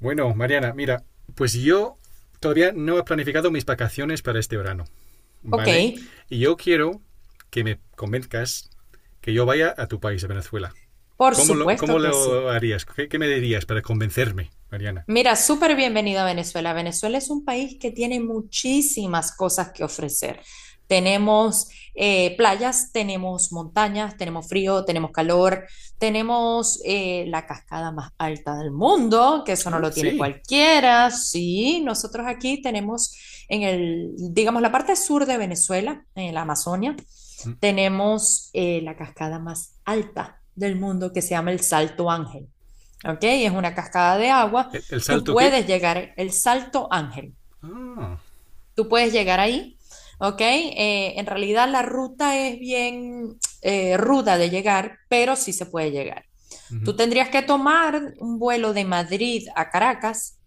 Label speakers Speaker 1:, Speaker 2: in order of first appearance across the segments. Speaker 1: Bueno, Mariana, mira, pues yo todavía no he planificado mis vacaciones para este verano,
Speaker 2: Ok,
Speaker 1: ¿vale? Y yo quiero que me convenzcas que yo vaya a tu país, a Venezuela.
Speaker 2: por
Speaker 1: ¿Cómo lo,
Speaker 2: supuesto
Speaker 1: cómo
Speaker 2: que sí.
Speaker 1: lo harías? ¿Qué me dirías para convencerme, Mariana?
Speaker 2: Mira, súper bienvenido a Venezuela. Venezuela es un país que tiene muchísimas cosas que ofrecer. Tenemos playas, tenemos montañas, tenemos frío, tenemos calor, tenemos la cascada más alta del mundo, que eso no
Speaker 1: Ah,
Speaker 2: lo tiene
Speaker 1: sí.
Speaker 2: cualquiera. Sí, nosotros aquí tenemos en el, digamos, la parte sur de Venezuela, en la Amazonia. Tenemos la cascada más alta del mundo que se llama el Salto Ángel. ¿Ok? Es una cascada de agua.
Speaker 1: ¿El
Speaker 2: Tú
Speaker 1: salto qué?
Speaker 2: puedes llegar, el Salto Ángel,
Speaker 1: Ah.
Speaker 2: tú puedes llegar ahí. ¿Ok? En realidad la ruta es bien ruda de llegar, pero sí se puede llegar.
Speaker 1: Ujú,
Speaker 2: Tú tendrías que tomar un vuelo de Madrid a Caracas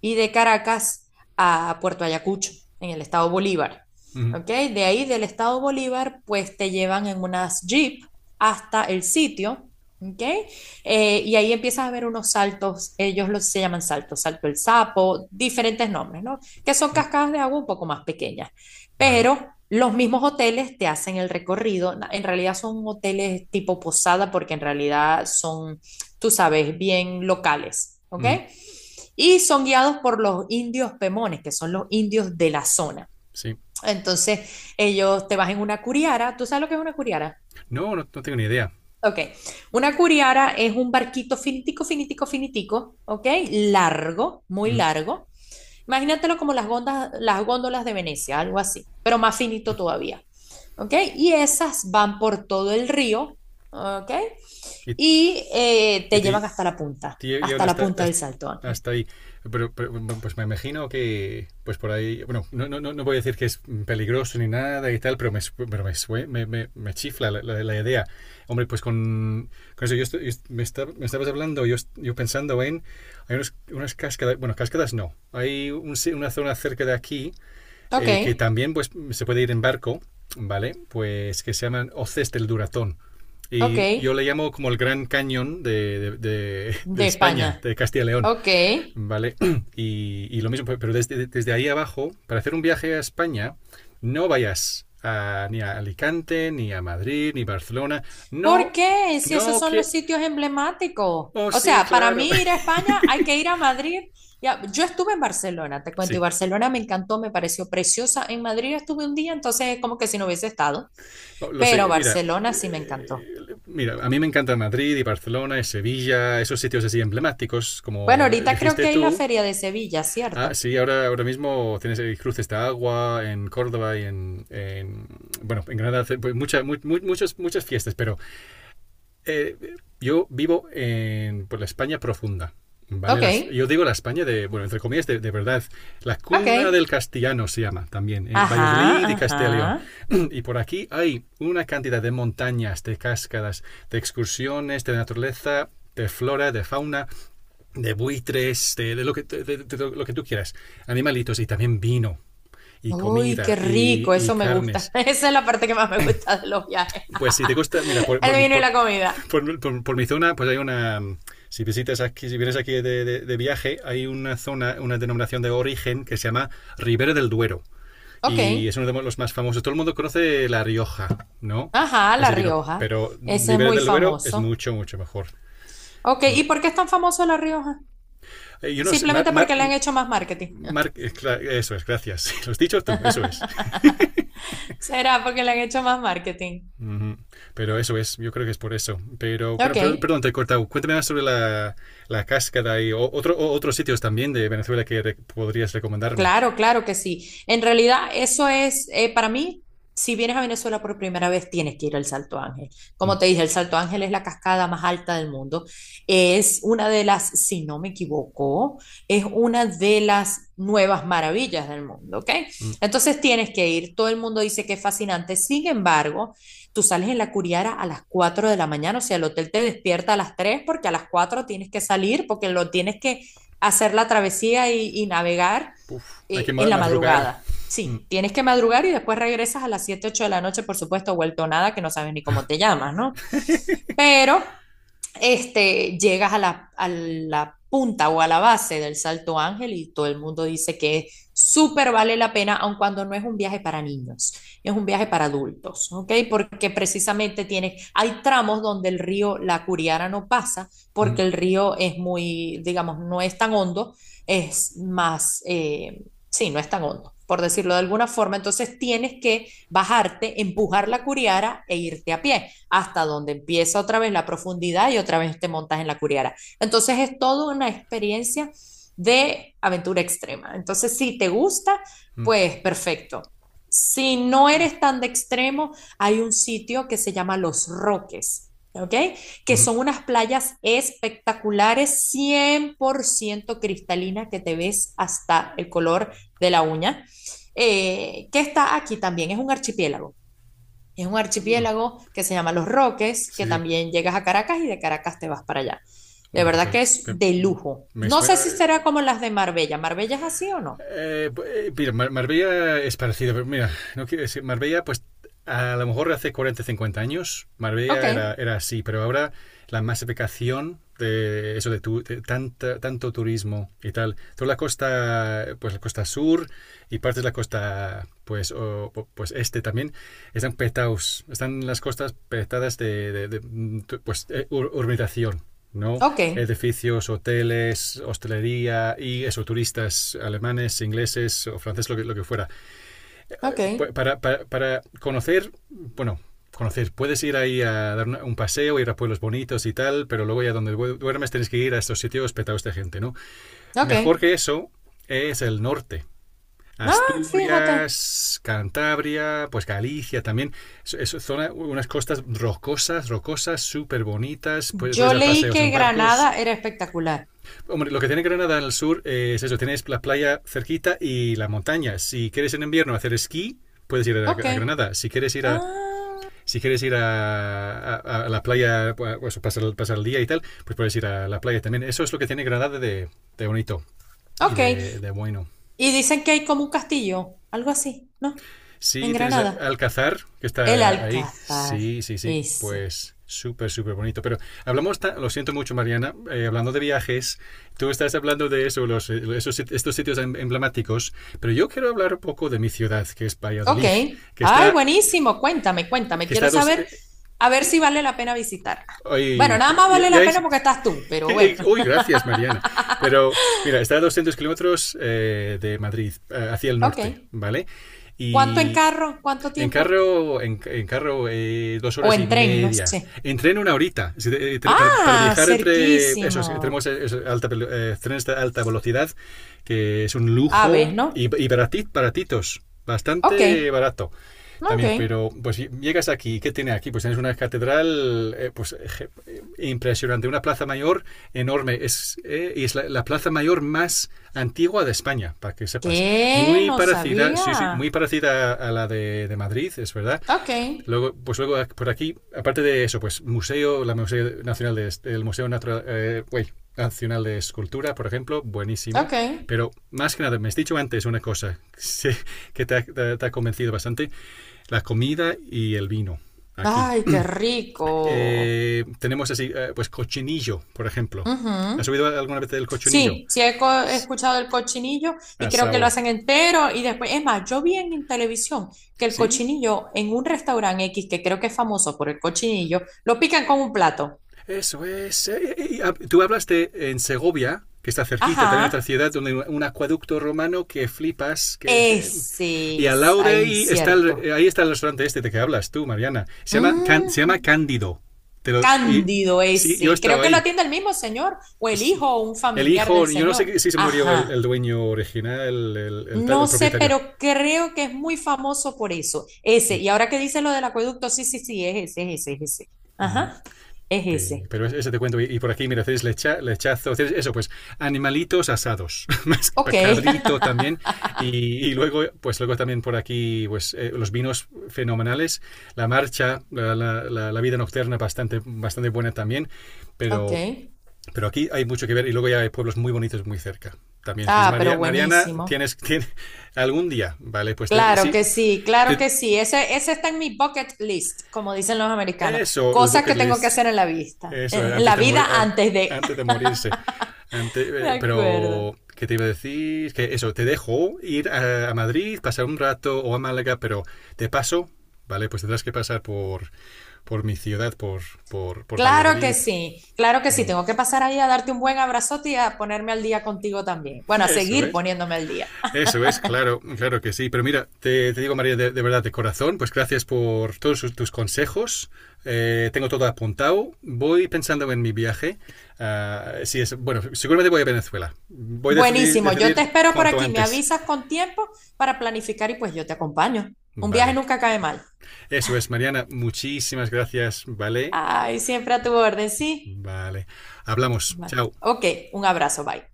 Speaker 2: y de Caracas a Puerto Ayacucho, en el estado Bolívar.
Speaker 1: ujú,
Speaker 2: ¿Ok? De ahí del estado Bolívar, pues te llevan en unas jeep hasta el sitio. ¿Ok? Y ahí empiezas a ver unos saltos, ellos los, se llaman saltos, salto el sapo, diferentes nombres, ¿no? Que son
Speaker 1: ujú.
Speaker 2: cascadas de agua un poco más pequeñas.
Speaker 1: Vale.
Speaker 2: Pero los mismos hoteles te hacen el recorrido. En realidad son hoteles tipo posada porque en realidad son, tú sabes, bien locales, ¿ok?
Speaker 1: Ujú.
Speaker 2: Y son guiados por los indios pemones, que son los indios de la zona.
Speaker 1: Sí.
Speaker 2: Entonces, ellos te vas en una curiara. ¿Tú sabes lo que es una curiara?
Speaker 1: No, no, no tengo ni idea.
Speaker 2: Ok, una curiara es un barquito finitico, finitico, finitico, ok, largo, muy
Speaker 1: Ujú.
Speaker 2: largo, imagínatelo como las góndolas de Venecia, algo así, pero más finito todavía. ¿Ok? Y esas van por todo el río, ¿ok?
Speaker 1: ¿Y,
Speaker 2: Y
Speaker 1: y
Speaker 2: te
Speaker 1: te,
Speaker 2: llevan
Speaker 1: llevan
Speaker 2: hasta la
Speaker 1: hasta,
Speaker 2: punta del
Speaker 1: hasta,
Speaker 2: Salto Ángel.
Speaker 1: hasta ahí? Pero, bueno, pues me imagino que, pues por ahí, bueno, no voy a decir que es peligroso ni nada y tal, pero me chifla la idea. Hombre, pues con eso, yo, me estabas hablando, yo pensando en, hay unas cascadas, bueno, cascadas no, hay un si- una zona cerca de aquí,
Speaker 2: Ok,
Speaker 1: que también pues se puede ir en barco, ¿vale? Pues que se llaman hoces del Duratón.
Speaker 2: ok,
Speaker 1: Y yo le llamo como el Gran Cañón de
Speaker 2: de
Speaker 1: España,
Speaker 2: España.
Speaker 1: de Castilla y León,
Speaker 2: Ok.
Speaker 1: ¿vale? Y lo mismo, pero desde ahí abajo. Para hacer un viaje a España, no vayas ni a Alicante, ni a Madrid, ni Barcelona.
Speaker 2: ¿Por
Speaker 1: No,
Speaker 2: qué? Si esos
Speaker 1: no
Speaker 2: son
Speaker 1: que.
Speaker 2: los sitios emblemáticos.
Speaker 1: Oh,
Speaker 2: O
Speaker 1: sí,
Speaker 2: sea, para
Speaker 1: claro.
Speaker 2: mí ir a España hay que ir a Madrid. Ya, yo estuve en Barcelona, te cuento, y
Speaker 1: Sí.
Speaker 2: Barcelona me encantó, me pareció preciosa. En Madrid estuve un día, entonces es como que si no hubiese estado.
Speaker 1: Oh, lo
Speaker 2: Pero
Speaker 1: sé,
Speaker 2: Barcelona sí me encantó.
Speaker 1: eh, mira, a mí me encanta Madrid y Barcelona y Sevilla, esos sitios así emblemáticos,
Speaker 2: Bueno,
Speaker 1: como
Speaker 2: ahorita creo que
Speaker 1: dijiste
Speaker 2: hay la
Speaker 1: tú.
Speaker 2: Feria de Sevilla,
Speaker 1: Ah,
Speaker 2: ¿cierto?
Speaker 1: sí, ahora mismo tienes el Cruces de Agua en Córdoba y bueno, en Granada, pues, muchas fiestas, pero eh, yo vivo en por la España profunda. ¿Vale?
Speaker 2: Ok,
Speaker 1: Yo digo la España de, bueno, entre comillas, de verdad. La
Speaker 2: ok.
Speaker 1: cuna del castellano se llama también,
Speaker 2: Ajá,
Speaker 1: Valladolid y Castellón
Speaker 2: ajá.
Speaker 1: y León. Y por aquí hay una cantidad de montañas, de cascadas, de excursiones, de naturaleza, de flora, de fauna, de buitres, de lo que tú quieras. Animalitos y también vino y
Speaker 2: Uy,
Speaker 1: comida
Speaker 2: qué
Speaker 1: y,
Speaker 2: rico,
Speaker 1: y
Speaker 2: eso me
Speaker 1: carnes.
Speaker 2: gusta. Esa es la parte que más me gusta de los viajes.
Speaker 1: Pues si te gusta, mira, por,
Speaker 2: El
Speaker 1: por,
Speaker 2: vino y
Speaker 1: por,
Speaker 2: la comida.
Speaker 1: por, por por mi zona, pues hay una. Si visitas aquí, si vienes aquí de viaje, hay una zona, una denominación de origen que se llama Ribera del Duero.
Speaker 2: Ok,
Speaker 1: Y es uno de los más famosos. Todo el mundo conoce La Rioja, ¿no?
Speaker 2: ajá, La
Speaker 1: Ese vino.
Speaker 2: Rioja.
Speaker 1: Pero
Speaker 2: Ese es
Speaker 1: Ribera
Speaker 2: muy
Speaker 1: del Duero es
Speaker 2: famoso.
Speaker 1: mucho, mucho mejor.
Speaker 2: Ok,
Speaker 1: Mm.
Speaker 2: ¿y por qué es tan famoso La Rioja?
Speaker 1: Yo no sé,
Speaker 2: Simplemente porque le han hecho más marketing.
Speaker 1: Mar- eh, eso es, gracias. Lo has dicho tú, eso es.
Speaker 2: ¿Será porque le han hecho más marketing?
Speaker 1: Uh -huh. Pero eso es, yo creo que es por eso. Pero, pero
Speaker 2: Ok.
Speaker 1: perdón, te he cortado. Cuéntame más sobre la cascada y otros sitios también de Venezuela que re podrías recomendarme.
Speaker 2: Claro, claro que sí. En realidad, eso es, para mí, si vienes a Venezuela por primera vez, tienes que ir al Salto Ángel. Como
Speaker 1: Mm,
Speaker 2: te dije, el Salto Ángel es la cascada más alta del mundo. Es una de las, si no me equivoco, es una de las nuevas maravillas del mundo, ¿ok?
Speaker 1: mm.
Speaker 2: Entonces tienes que ir. Todo el mundo dice que es fascinante. Sin embargo, tú sales en la Curiara a las 4 de la mañana, o sea, el hotel te despierta a las 3 porque a las 4 tienes que salir, porque lo tienes que hacer la travesía y navegar
Speaker 1: Uf, hay que
Speaker 2: en la
Speaker 1: madrugar.
Speaker 2: madrugada.
Speaker 1: Mm,
Speaker 2: Sí, tienes que madrugar y después regresas a las 7 8 de la noche, por supuesto, vuelto nada, que no sabes ni cómo te llamas, ¿no? Pero este, llegas a la punta o a la base del Salto Ángel y todo el mundo dice que súper vale la pena, aun cuando no es un viaje para niños, es un viaje para adultos, ¿ok? Porque precisamente hay tramos donde el río La Curiara no pasa
Speaker 1: mm,
Speaker 2: porque el río es muy, digamos, no es tan hondo, es más, sí, no es tan hondo por decirlo de alguna forma, entonces tienes que bajarte, empujar la curiara e irte a pie hasta donde empieza otra vez la profundidad y otra vez te montas en la curiara. Entonces es toda una experiencia de aventura extrema. Entonces, si te gusta,
Speaker 1: mm,
Speaker 2: pues perfecto. Si no eres tan de extremo, hay un sitio que se llama Los Roques. ¿Ok? Que
Speaker 1: mm,
Speaker 2: son unas playas espectaculares, 100% cristalina, que te ves hasta el color de la uña, que está aquí también, es un archipiélago. Es un
Speaker 1: mm.
Speaker 2: archipiélago que se llama Los Roques,
Speaker 1: Sí,
Speaker 2: que
Speaker 1: sí.
Speaker 2: también llegas a Caracas y de Caracas te vas para allá. De
Speaker 1: Hombre,
Speaker 2: verdad
Speaker 1: pues
Speaker 2: que es de
Speaker 1: me,
Speaker 2: lujo.
Speaker 1: me
Speaker 2: No
Speaker 1: suena.
Speaker 2: sé si será como las de Marbella. ¿Marbella es así o no?
Speaker 1: Eh, mira, Marbella es parecido, pero mira, no quiero decir, Marbella, pues a lo mejor hace 40, 50 años,
Speaker 2: Ok,
Speaker 1: Marbella era así, pero ahora la masificación de eso de tanto turismo y tal, toda la costa, pues la costa sur y partes de la costa, pues, o, pues este también, están petados, están las costas petadas de pues, urbanización. ¿No?
Speaker 2: ok,
Speaker 1: Edificios, hoteles, hostelería y eso, turistas alemanes, ingleses o franceses, lo que fuera.
Speaker 2: ok,
Speaker 1: Para conocer, bueno, conocer. Puedes ir ahí a dar un paseo, ir a pueblos bonitos y tal, pero luego ya donde duermes tienes que ir a estos sitios petados de gente, ¿no?
Speaker 2: ok.
Speaker 1: Mejor que eso es el norte.
Speaker 2: Ah, fíjate.
Speaker 1: Asturias, Cantabria, pues Galicia también. Es, zona, unas costas rocosas, rocosas, súper bonitas. Puedes
Speaker 2: Yo
Speaker 1: dar
Speaker 2: leí
Speaker 1: paseos
Speaker 2: que
Speaker 1: en barcos.
Speaker 2: Granada era espectacular.
Speaker 1: Hombre, lo que tiene Granada al sur, es eso, tienes la playa cerquita y la montaña. Si quieres en invierno hacer esquí, puedes ir a
Speaker 2: Ok.
Speaker 1: Granada. Si quieres ir a
Speaker 2: Ah,
Speaker 1: si quieres ir a la playa, pues pasar el día y tal, pues puedes ir a la playa también. Eso es lo que tiene Granada de bonito y de,
Speaker 2: ok.
Speaker 1: de bueno.
Speaker 2: Y dicen que hay como un castillo, algo así, ¿no?
Speaker 1: Sí,
Speaker 2: En
Speaker 1: tienes
Speaker 2: Granada.
Speaker 1: Alcázar que
Speaker 2: El
Speaker 1: está ahí.
Speaker 2: Alcázar.
Speaker 1: Sí, sí, sí.
Speaker 2: Ese.
Speaker 1: Pues súper, súper bonito. Pero hablamos, lo siento mucho, Mariana, hablando de viajes. Tú estás hablando de eso, estos sitios emblemáticos. Pero yo quiero hablar un poco de mi ciudad, que es
Speaker 2: Ok.
Speaker 1: Valladolid, que
Speaker 2: Ay,
Speaker 1: está
Speaker 2: buenísimo. Cuéntame, cuéntame.
Speaker 1: que
Speaker 2: Quiero
Speaker 1: está dos...
Speaker 2: saber a ver si vale la pena visitarla. Bueno,
Speaker 1: Hoy,
Speaker 2: nada más vale la pena porque estás tú, pero bueno.
Speaker 1: uy, gracias, Mariana. Pero mira, está a 200 kilómetros de Madrid, hacia el norte,
Speaker 2: Ok.
Speaker 1: ¿vale?
Speaker 2: ¿Cuánto en
Speaker 1: Y
Speaker 2: carro? ¿Cuánto
Speaker 1: en
Speaker 2: tiempo?
Speaker 1: carro, en carro, dos
Speaker 2: O
Speaker 1: horas
Speaker 2: en
Speaker 1: y
Speaker 2: tren, no
Speaker 1: media.
Speaker 2: sé.
Speaker 1: En tren una horita. Si Para
Speaker 2: Ah,
Speaker 1: viajar entre esos,
Speaker 2: cerquísimo.
Speaker 1: tenemos alta trenes de alta velocidad, que es un
Speaker 2: Aves,
Speaker 1: lujo y,
Speaker 2: ¿no?
Speaker 1: y baratitos,
Speaker 2: Ok,
Speaker 1: bastante barato.
Speaker 2: ok.
Speaker 1: También, pero pues si llegas aquí, ¿qué tiene aquí? Pues tienes una catedral, pues, impresionante, una plaza mayor enorme. Es la plaza mayor más antigua de España, para que sepas.
Speaker 2: ¿Qué?
Speaker 1: Muy
Speaker 2: No
Speaker 1: parecida, sí, sí, muy
Speaker 2: sabía.
Speaker 1: parecida a la de Madrid, es verdad.
Speaker 2: Ok,
Speaker 1: Luego, pues luego por aquí, aparte de eso, pues museo, la Museo Nacional de, el Museo Natural, Nacional de Escultura, por ejemplo, buenísimo.
Speaker 2: ok.
Speaker 1: Pero más que nada, me has dicho antes una cosa sí, que te ha convencido bastante, la comida y el vino aquí.
Speaker 2: Ay, qué rico.
Speaker 1: Tenemos así, pues cochinillo, por ejemplo. ¿Has
Speaker 2: Ujú.
Speaker 1: oído alguna vez del cochinillo?
Speaker 2: Sí, sí he
Speaker 1: S-
Speaker 2: escuchado el cochinillo y creo que lo
Speaker 1: Asao.
Speaker 2: hacen entero y después, es más, yo vi en televisión que el
Speaker 1: ¿Sí?
Speaker 2: cochinillo en un restaurante X, que creo que es famoso por el cochinillo, lo pican con un plato.
Speaker 1: Eso es. Tú hablaste en Segovia, que está cerquita,
Speaker 2: Ajá,
Speaker 1: también otra ciudad donde hay un acueducto romano que flipas. Que
Speaker 2: ese
Speaker 1: Y al
Speaker 2: es
Speaker 1: lado de
Speaker 2: ahí,
Speaker 1: ahí está el,
Speaker 2: cierto.
Speaker 1: eh, ahí está el restaurante este de que hablas tú, Mariana. Se llama
Speaker 2: Mm,
Speaker 1: Cándido. Y,
Speaker 2: cándido
Speaker 1: sí,
Speaker 2: ese.
Speaker 1: yo he
Speaker 2: Y
Speaker 1: estado
Speaker 2: creo que lo
Speaker 1: ahí.
Speaker 2: atiende el mismo señor o el hijo o un
Speaker 1: El
Speaker 2: familiar del
Speaker 1: hijo, yo no
Speaker 2: señor.
Speaker 1: sé si se murió el
Speaker 2: Ajá.
Speaker 1: dueño original, el
Speaker 2: No sé,
Speaker 1: propietario.
Speaker 2: pero creo que es muy famoso por eso. Ese.
Speaker 1: Mm.
Speaker 2: Y ahora que dices lo del acueducto, sí, sí, sí, es ese, es ese, es ese.
Speaker 1: Mm.
Speaker 2: Ajá, es ese.
Speaker 1: Pero ese te cuento. Y por aquí, mira, hacéis lechazo, hacéis eso, pues animalitos asados, más
Speaker 2: Ok,
Speaker 1: cabrito también. Y, y luego, pues luego también por aquí, pues los vinos fenomenales, la marcha, la vida nocturna bastante, bastante buena también.
Speaker 2: ok.
Speaker 1: Pero, pero aquí hay mucho que ver y luego ya hay pueblos muy bonitos muy cerca también. Entonces,
Speaker 2: Ah, pero
Speaker 1: Mariana,
Speaker 2: buenísimo.
Speaker 1: tienes algún día, ¿vale? Pues te,
Speaker 2: Claro
Speaker 1: sí,
Speaker 2: que sí, claro
Speaker 1: te,
Speaker 2: que sí. Ese está en mi bucket list, como dicen los americanos.
Speaker 1: eso, el
Speaker 2: Cosas
Speaker 1: bucket
Speaker 2: que tengo que
Speaker 1: list,
Speaker 2: hacer en la vista,
Speaker 1: eso,
Speaker 2: en
Speaker 1: antes
Speaker 2: la
Speaker 1: de morir
Speaker 2: vida antes de.
Speaker 1: antes de morirse.
Speaker 2: De acuerdo.
Speaker 1: Pero, ¿qué te iba a decir? Que eso, te dejo ir a Madrid, pasar un rato o a Málaga, pero de paso, ¿vale? Pues tendrás que pasar por mi ciudad, por
Speaker 2: Claro que
Speaker 1: Valladolid.
Speaker 2: sí, claro que sí.
Speaker 1: Mm.
Speaker 2: Tengo que pasar ahí a darte un buen abrazote y a ponerme al día contigo también. Bueno, a
Speaker 1: Eso
Speaker 2: seguir
Speaker 1: es.
Speaker 2: poniéndome al día.
Speaker 1: Eso es, claro, claro que sí. Pero mira, te digo, María, de verdad, de corazón, pues gracias por todos tus consejos. Tengo todo apuntado. Voy pensando en mi viaje. Ah, sí, bueno, seguramente voy a Venezuela. Voy a
Speaker 2: Buenísimo, yo te
Speaker 1: decidir
Speaker 2: espero por
Speaker 1: cuanto
Speaker 2: aquí, me
Speaker 1: antes.
Speaker 2: avisas con tiempo para planificar y pues yo te acompaño. Un viaje
Speaker 1: Vale.
Speaker 2: nunca cae mal.
Speaker 1: Eso es, Mariana. Muchísimas gracias, ¿vale?
Speaker 2: Ay, siempre a tu orden, sí.
Speaker 1: Vale. Hablamos.
Speaker 2: Bueno,
Speaker 1: Chao.
Speaker 2: ok, un abrazo, bye.